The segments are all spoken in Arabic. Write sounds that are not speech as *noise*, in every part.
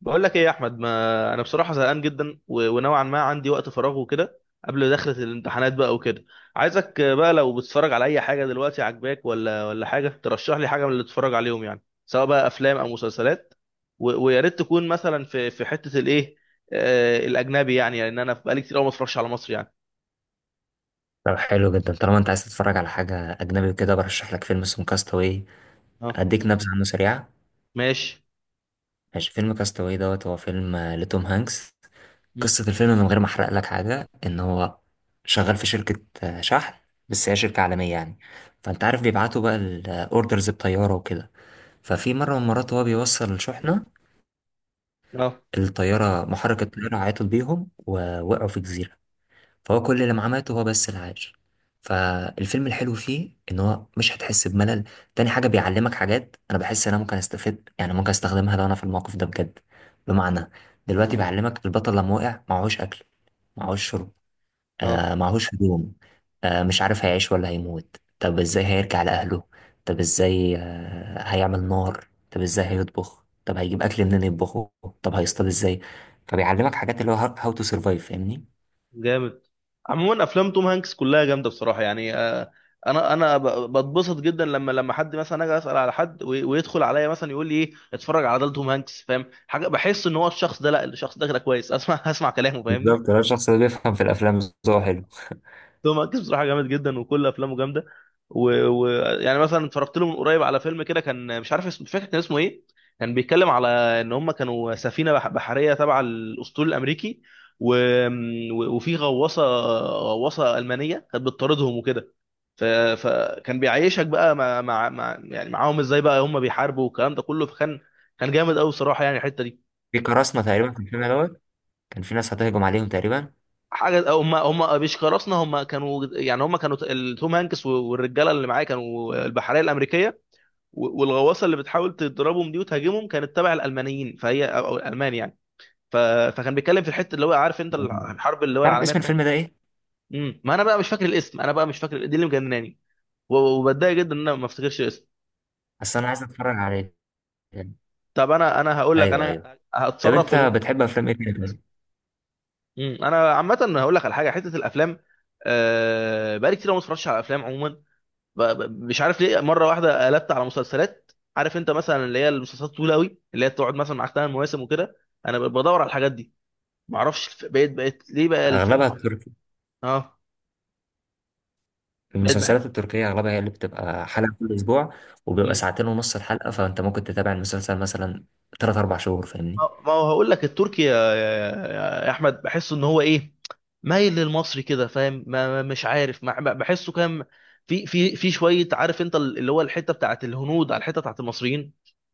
بقول لك ايه يا احمد؟ ما انا بصراحه زهقان جدا ونوعا ما عندي وقت فراغ وكده قبل دخلة الامتحانات بقى وكده. عايزك بقى لو بتتفرج على اي حاجه دلوقتي عجباك ولا حاجه ترشح لي حاجه من اللي تتفرج عليهم، يعني سواء بقى افلام او مسلسلات. ويا ريت تكون مثلا في حته الايه، آه الاجنبي يعني، لان انا بقالي كتير قوي ما اتفرجش على مصر يعني. طب حلو جدا طالما انت عايز تتفرج على حاجة أجنبي وكده، برشح لك فيلم اسمه كاستاوي. اه. أديك نبذة عنه سريعة. ماشي. ماشي، فيلم كاستاوي دوت هو فيلم لتوم هانكس. مم. قصة الفيلم من غير ما أحرق لك حاجة، إن هو شغال في شركة شحن، بس هي شركة عالمية يعني. فأنت عارف بيبعتوا بقى الأوردرز بطيارة وكده. ففي مرة من المرات وهو بيوصل الشحنة، اه. الطيارة محرك الطيارة عيطت بيهم ووقعوا في جزيرة. فهو كل اللي معاه مات وهو بس اللي عايش. فالفيلم الحلو فيه ان هو مش هتحس بملل. تاني حاجة بيعلمك حاجات انا بحس ان انا ممكن استفيد، يعني ممكن استخدمها لو انا في الموقف ده بجد. بمعنى دلوقتي بيعلمك البطل لما وقع معهوش اكل، معهوش شرب، اه. آه معهوش هدوم، آه مش عارف هيعيش ولا هيموت، طب ازاي هيرجع لأهله، طب ازاي آه هيعمل نار، طب ازاي هيطبخ، طب هيجيب اكل منين يطبخه، طب هيصطاد ازاي. فبيعلمك حاجات اللي هو هاو تو سرفايف فاهمني. جامد. عموما افلام توم هانكس كلها جامده بصراحه يعني. انا بتبسط جدا لما حد مثلا اجي اسال على حد ويدخل عليا مثلا يقول لي ايه، اتفرج على ده توم هانكس، فاهم حاجه. بحس ان هو الشخص ده، لا الشخص ده كده كويس اسمع *laughs* اسمع كلامه، بالظبط، فاهمني. ده الشخص اللي بيفهم في الافلام. ذوقه حلو. توم هانكس بصراحه جامد جدا وكل افلامه جامده. ويعني و... و- يعني مثلا اتفرجت له من قريب على فيلم كده، كان مش عارف اسمه، مش فاكر كان اسمه ايه. كان بيتكلم على ان هم كانوا سفينه بحريه تبع الاسطول الامريكي و... وفي غواصه، غواصه المانيه كانت بتطاردهم وكده. ف... فكان بيعيشك بقى يعني معاهم ازاي بقى هم بيحاربوا والكلام ده كله. فكان كان جامد قوي بصراحه يعني الحته دي. في قراصنه تقريبا في الفيلم دوت، كان في ناس هتهجم عليهم تقريبا. حاجه هم بيشكرسنا، هم كانوا يعني هم كانوا توم هانكس والرجاله اللي معاه كانوا البحريه الامريكيه والغواصه اللي بتحاول تضربهم دي وتهاجمهم كانت تبع الالمانيين، فهي أو الالمان يعني. ف... فكان بيتكلم في الحته اللي هو، عارف انت، الحرب اللي هو تعرف العالميه اسم الثانيه. الفيلم ده ايه؟ ما انا بقى مش فاكر الاسم، انا بقى مش فاكر دي اللي مجنناني وبتضايق جدا ان انا ما افتكرش الاسم. اصل انا عايز اتفرج عليه. طب انا هقول لك ايوه انا ايوه. طب هتصرف انت وأجيب-. بتحب افلام ايه تاني طيب؟ مم. انا عامه هقول لك على حاجه حته الافلام، بقالي كتير أوي ما اتفرجتش على افلام عموما. مش عارف ليه مره واحده قلبت على مسلسلات. عارف انت مثلا اللي هي المسلسلات طويله قوي، اللي هي تقعد مثلا معاك ثمان مواسم وكده. انا بدور على الحاجات دي. ما اعرفش بقيت، بقيت ليه بقى اغلبها الفيلم، بقيت. التركي. اه. بقيت المسلسلات بحس. التركيه اغلبها هي اللي بتبقى حلقه كل اسبوع، وبيبقى مم. ساعتين ونص الحلقه، فانت ممكن تتابع المسلسل مثلا ثلاث اربع شهور فاهمني. ما ما هو هقول لك التركي يا احمد، بحس ان هو ايه، مايل للمصري كده فاهم، مش عارف، بحسه كام في شويه، عارف انت، اللي هو الحته بتاعت الهنود على الحته بتاعت المصريين،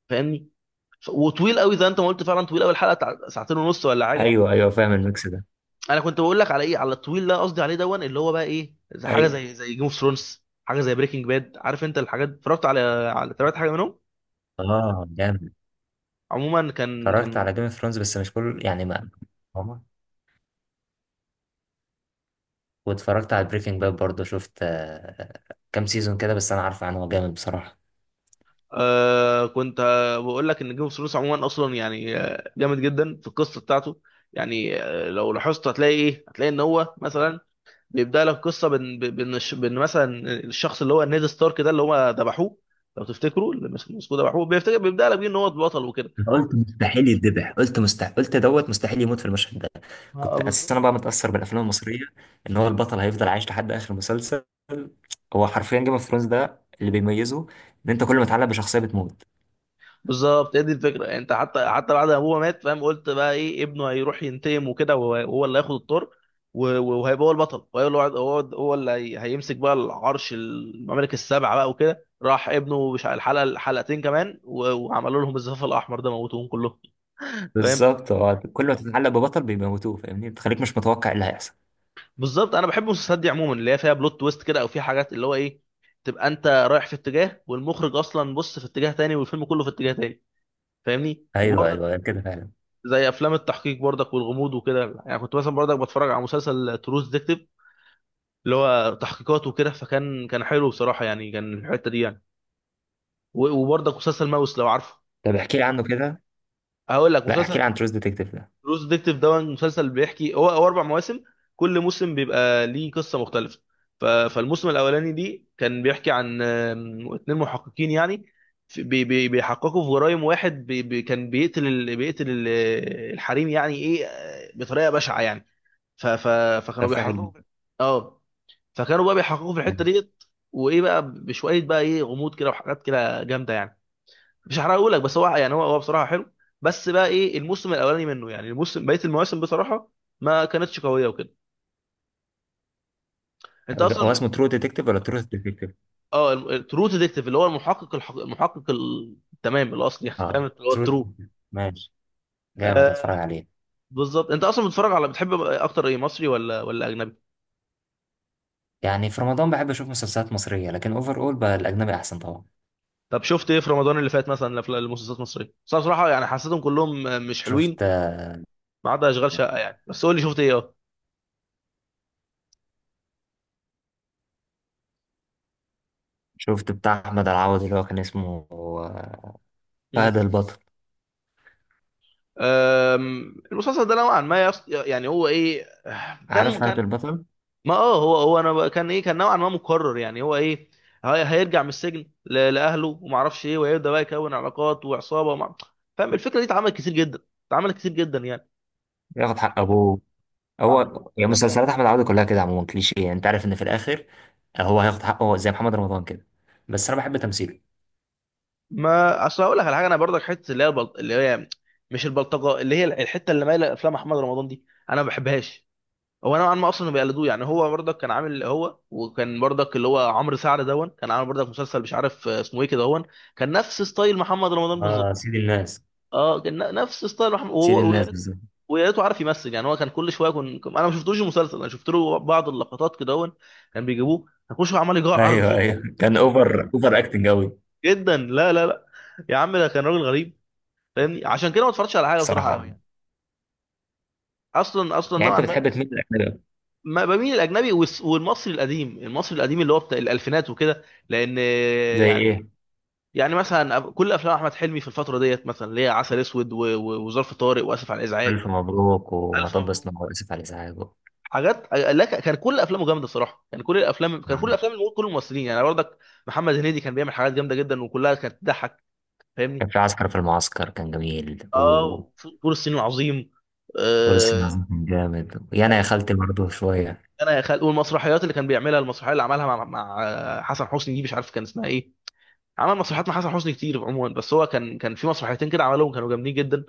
فاهمني. وطويل قوي زي انت ما قلت، فعلا طويل قوي الحلقه بتاع ساعتين ونص ولا حاجه. ايوه ايوه فاهم الميكس ده. انا كنت بقول لك على ايه، على الطويل اللي أنا قصدي عليه دون اللي هو بقى ايه، زي حاجه ايوه. زي جيم اوف ثرونز، حاجه زي بريكنج باد، عارف انت الحاجات. اتفرجت على على تابعت حاجه منهم. اه جامد. عموما كان اتفرجت على كان، جيم اوف ثرونز بس مش كل يعني ما. واتفرجت على بريكنج باد برضه، شفت كام سيزون كده، بس انا عارف عنه هو جامد بصراحة. آه كنت آه بقول لك ان جيم اوف ثرونز عموما اصلا يعني آه جامد جدا في القصه بتاعته. يعني آه لو لاحظت هتلاقي ايه، هتلاقي ان هو مثلا بيبدا لك قصه بان بان مثلا الشخص اللي هو نيد ستارك ده اللي هو ذبحوه. لو تفتكروا اللي مسكوه ذبحوه، بيفتكر بيبدا لك بيه ان هو البطل وكده. انا قلت مستحيل يتذبح، قلت مستحيل، قلت دوت مستحيل يموت في المشهد ده. كنت اساسا بالظبط. انا بقى متأثر بالافلام المصرية، ان هو البطل هيفضل عايش لحد اخر مسلسل. هو حرفيا جيم اوف ثرونز ده اللي بيميزه ان انت كل ما تتعلق بشخصية بتموت. بالظبط هي دي الفكره يعني انت حتى بعد ما ابوه مات فاهم، قلت بقى ايه ابنه هيروح ينتقم وكده وهو اللي هياخد الطار وهيبقى هو البطل، وهو اللي هو اللي هيمسك بقى العرش، الممالك السبعه بقى وكده. راح ابنه مش على الحلقه حلقتين كمان وعملوا لهم الزفاف الاحمر ده، موتوهم كلهم. فاهم. بالظبط، هو كل ما تتعلق ببطل بيموتوه فاهمني، بتخليك مش متوقع ايه اللي هيحصل. بالظبط انا بحب المسلسلات دي عموما اللي هي فيها بلوت تويست كده، او فيها حاجات اللي هو ايه، تبقى انت رايح في اتجاه والمخرج اصلا بص في اتجاه تاني، والفيلم كله في اتجاه تاني، فاهمني. ايوه وبرضه ايوه كده فعلا. زي افلام التحقيق برضك والغموض وكده يعني، كنت مثلا برضك بتفرج على مسلسل تروز ديكتيف اللي هو تحقيقات وكده. فكان كان حلو بصراحه يعني، كان الحته دي يعني. وبرضك مسلسل ماوس لو عارفه. طب احكي لي عنه كده. هقول لك لا احكي لي عن مسلسل. تروز ديتكتيف ده. تروز ديكتيف ده مسلسل بيحكي، هو اربع مواسم، كل موسم بيبقى ليه قصه مختلفه. فالموسم الاولاني دي كان بيحكي عن اتنين محققين يعني، بيحققوا في جرائم، واحد كان بيقتل بيقتل الحريم يعني ايه بطريقه بشعه يعني. ف... ف... فكانوا تفاحة بيحققوا في-. جدا. اه. فكانوا بقى بيحققوا في الحته ديت، وايه بقى بشويه بقى ايه، غموض كده وحاجات كده جامده يعني، مش هحرقه لك، بس هو يعني هو هو بصراحه حلو. بس بقى ايه الموسم الاولاني منه يعني الموسم، بقيه المواسم بصراحه ما كانتش قويه وكده. انت هو اصلا بت.... اسمه ترو ديتكتيف ولا ترو ديتكتيف؟ اه الترو ديتكتيف اللي هو المحقق المحقق التمام الاصلي يعني فاهم اه اللي هو ترو. الترو. ماشي، جامد هتفرج آه. عليه. بالظبط. انت اصلا بتتفرج على، بتحب اكتر ايه، مصري ولا اجنبي؟ يعني في رمضان بحب اشوف مسلسلات مصرية، لكن اوفر اول بقى الاجنبي احسن طبعا. طب شفت ايه في رمضان اللي فات مثلا؟ الأفلام- المسلسلات المصريه بس أنا بصراحه يعني حسيتهم كلهم مش شفت، حلوين، ما عدا اشغال شقه يعني. بس قول لي شفت ايه؟ اه. شفت بتاع احمد العوض اللي هو كان اسمه مم. فهد البطل. المسلسل ده نوعا ما يص... يعني هو ايه، عارف كان فهد كان، البطل. ما اه هو هو انا بقى-، كان ايه، كان نوعا ما مكرر يعني هو ايه. هيرجع من السجن لاهله وما اعرفش ايه، وهيبدا بقى يكون علاقات وعصابه ومع.... فاهم الفكره دي اتعملت كتير جدا، اتعملت كتير جدا يعني. ياخد حق ابوه. هو يعني مسلسلات احمد العوض كلها كده عموما كليشيه، يعني انت عارف ان في الاخر هو هياخد حقه زي محمد رمضان كده، بس انا بحب تمثيله. ما اصل هقول لك على حاجه، انا برضك حته اللي هي البلط...، اللي هي مش البلطجه، اللي هي الحته اللي مايله افلام احمد رمضان دي، انا ما بحبهاش. هو نوعا ما اصلا بيقلدوه يعني، هو برضك كان عامل، هو وكان برضك اللي هو عمرو سعد دون كان عامل برضك مسلسل مش عارف اسمه ايه كده هون، كان نفس ستايل محمد رمضان اه بالظبط. سيد الناس. اه كان نفس ستايل محمد. سيد وهو ويا الناس ريت بالظبط. ويا ريته عارف يمثل يعني، هو كان كل شويه انا ما شفتوش المسلسل، انا شفت له بعض اللقطات كده هون كان بيجيبوه، كان كل شويه عمال يجعر ايوه بصوته ايوه، كان اوفر اوفر اكتنج قوي جدا. لا يا عم ده كان راجل غريب فاهمني، عشان كده ما اتفرجتش على حاجه بصراحه بصراحه قوي يعني، اصلا اصلا يعني. نوعا انت ما. بتحب تميل للاجنبي أكتر؟ ما بميل الاجنبي والمصري القديم، المصري القديم اللي هو بتاع الالفينات وكده لان زي يعني. ايه؟ يعني مثلا كل افلام احمد حلمي في الفتره ديت، مثلا اللي هي عسل اسود وظرف طارق واسف على الازعاج، ألف مبروك الف ومطب مبروك، صناعي وآسف على الإزعاج. حاجات، لا ك- كان كل افلامه جامده الصراحه، كان كل الافلام، كان كل الافلام كل الممثلين يعني برضك، محمد هنيدي كان بيعمل حاجات جامده جدا وكلها كانت تضحك، فاهمني. كان في عسكر في المعسكر، كان جميل وفارس. اه فول الصين العظيم. آه، العظيم كان جامد يعني يا خالتي برضه شوية. انا يا خال والمسرحيات اللي كان بيعملها، المسرحيه اللي عملها مع حسن حسني دي مش عارف كان اسمها ايه. عمل مسرحيات مع حسن حسني كتير عموما، بس هو كان كان في مسرحيتين كده عملهم كانوا جامدين جدا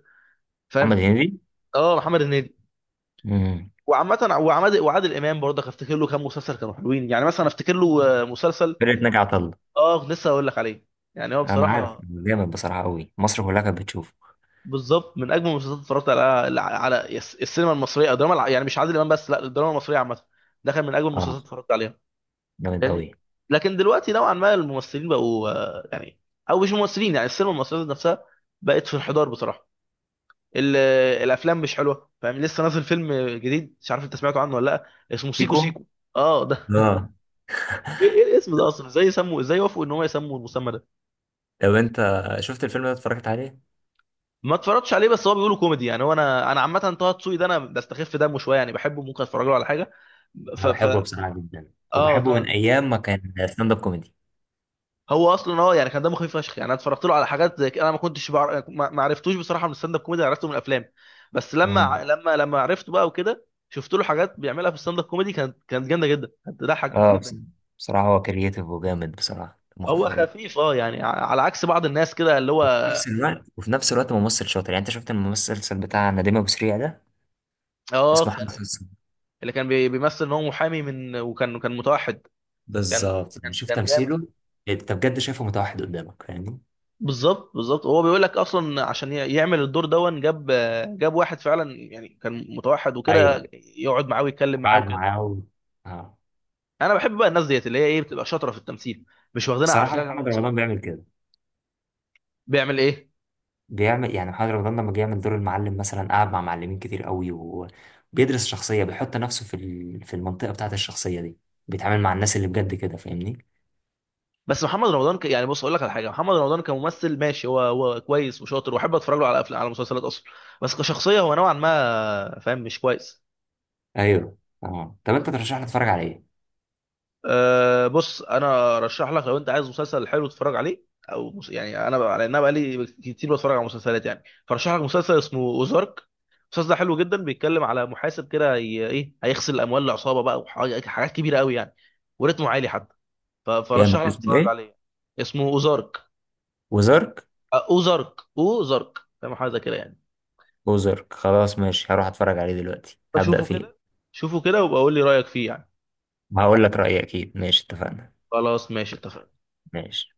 فاهم. محمد هنيدي. اه محمد هنيدي. امم. وعامة وعماد وعادل امام برضه افتكر له كام مسلسل كانوا حلوين، يعني مثلا افتكر له مسلسل. فرقة ناجي عطا الله. اه لسه هقول لك عليه يعني هو أنا عارف، بصراحة، جامد بصراحة أوي، مصر كلها كانت بتشوفه. بالظبط من اجمل المسلسلات اللي اتفرجت على على السينما المصرية او الدراما يعني مش عادل امام بس، لا الدراما المصرية عامة، ده كان من اجمل المسلسلات أه، اللي اتفرجت عليها جامد لان. أوي. لكن دلوقتي نوعا ما الممثلين بقوا يعني، او مش ممثلين، يعني السينما المصرية نفسها بقت في انحدار بصراحة. ال- الافلام مش حلوه فاهم، لسه نازل فيلم جديد مش عارف انت سمعته عنه ولا لا، اسمه سيكو فيكو. سيكو. اه ده *laughs* أه. ايه إيه الاسم ده اصلا، ازاي يسموا، ازاي وافقوا ان هو يسموا المسمى ده. لو أنت شفت الفيلم ده، اتفرجت عليه؟ ما اتفرجتش عليه بس هو بيقولوا كوميدي يعني، هو انا انا عامه طه دسوقي ده انا بستخف دمه شويه يعني بحبه ممكن اتفرج له على حاجه. ف أنا ف بحبه بصراحة جدا، اه وبحبه من طه-، أيام ما كان ستاند أب كوميدي. هو اصلا اه يعني كان دمه خفيف فشخ يعني، انا اتفرجت له على حاجات زي كده، انا ما كنتش بعرف ما ما عرفتوش بصراحه من الستاند اب كوميدي، عرفته من الافلام. بس لما امم. ع- لما لما عرفته بقى وكده، شفت له حاجات بيعملها في الستاند اب كوميدي كانت كانت جامده جدا كانت تضحك أه بس-. جدا. بصراحة هو كرييتيف وجامد، بصراحة مخفف هو أوي. خفيف اه يعني على عكس بعض الناس كده اللي هو. وفي نفس الوقت، وفي نفس الوقت ممثل شاطر. يعني انت شفت الممثل بتاع نديم ابو سريع ده؟ اه اسمه حمزة حسن كان سلسلة. اللي كان بيمثل ان هو محامي من، وكان كان متوحد، كان بالظبط، يعني كان شوف كان جامد. تمثيله. انت بجد شايفه متوحد قدامك فاهمني. بالظبط بالظبط هو بيقول لك اصلا عشان يعمل الدور دون، جاب جاب واحد فعلا يعني كان متوحد وكده، ايوه. يقعد معاه ويتكلم معاه وقعد وكده. معاه و... اه. انا بحب بقى الناس ديت اللي هي ايه بتبقى شاطره في التمثيل، مش واخدينها بصراحه عافيه بقى محمد وصوت. رمضان بيعمل كده. بيعمل ايه؟ بيعمل يعني محمد رمضان لما جه يعمل دور المعلم مثلا، قعد مع معلمين كتير قوي، وبيدرس شخصيه، بيحط نفسه في ال... في المنطقه بتاعت الشخصيه دي، بيتعامل مع الناس اللي بجد كده فاهمني. بس محمد رمضان ك...، يعني بص اقول لك على حاجه، محمد رمضان كممثل ماشي، هو هو كويس وشاطر واحب اتفرج له على افلام على مسلسلات اصلا، بس كشخصيه هو نوعا ما فاهم مش كويس. ايوه. اه طب انت ترشح لي اتفرج على ايه؟ أه بص انا ارشح لك لو انت عايز مسلسل حلو تتفرج عليه، او يعني انا بقى-، لان انا بقالي كتير بتفرج على مسلسلات يعني، فرشح لك مسلسل اسمه اوزارك. المسلسل ده حلو جدا، بيتكلم على محاسب كده ايه هيغسل اموال العصابه بقى وحاجات كبيره قوي يعني، وريتمه عالي حتى. فرشح جامد، لك اسمه تتفرج ايه؟ عليه. اسمه اوزارك. وزارك. اوزارك اوزارك فاهم حاجه كده يعني. اوزارك خلاص ماشي، هروح اتفرج عليه دلوقتي، هبدأ اشوفه فيه. كده، شوفه كده وابقى قول لي رايك فيه يعني. وهقول لك رأيي اكيد. ماشي، اتفقنا. خلاص ماشي اتفقنا. ماشي.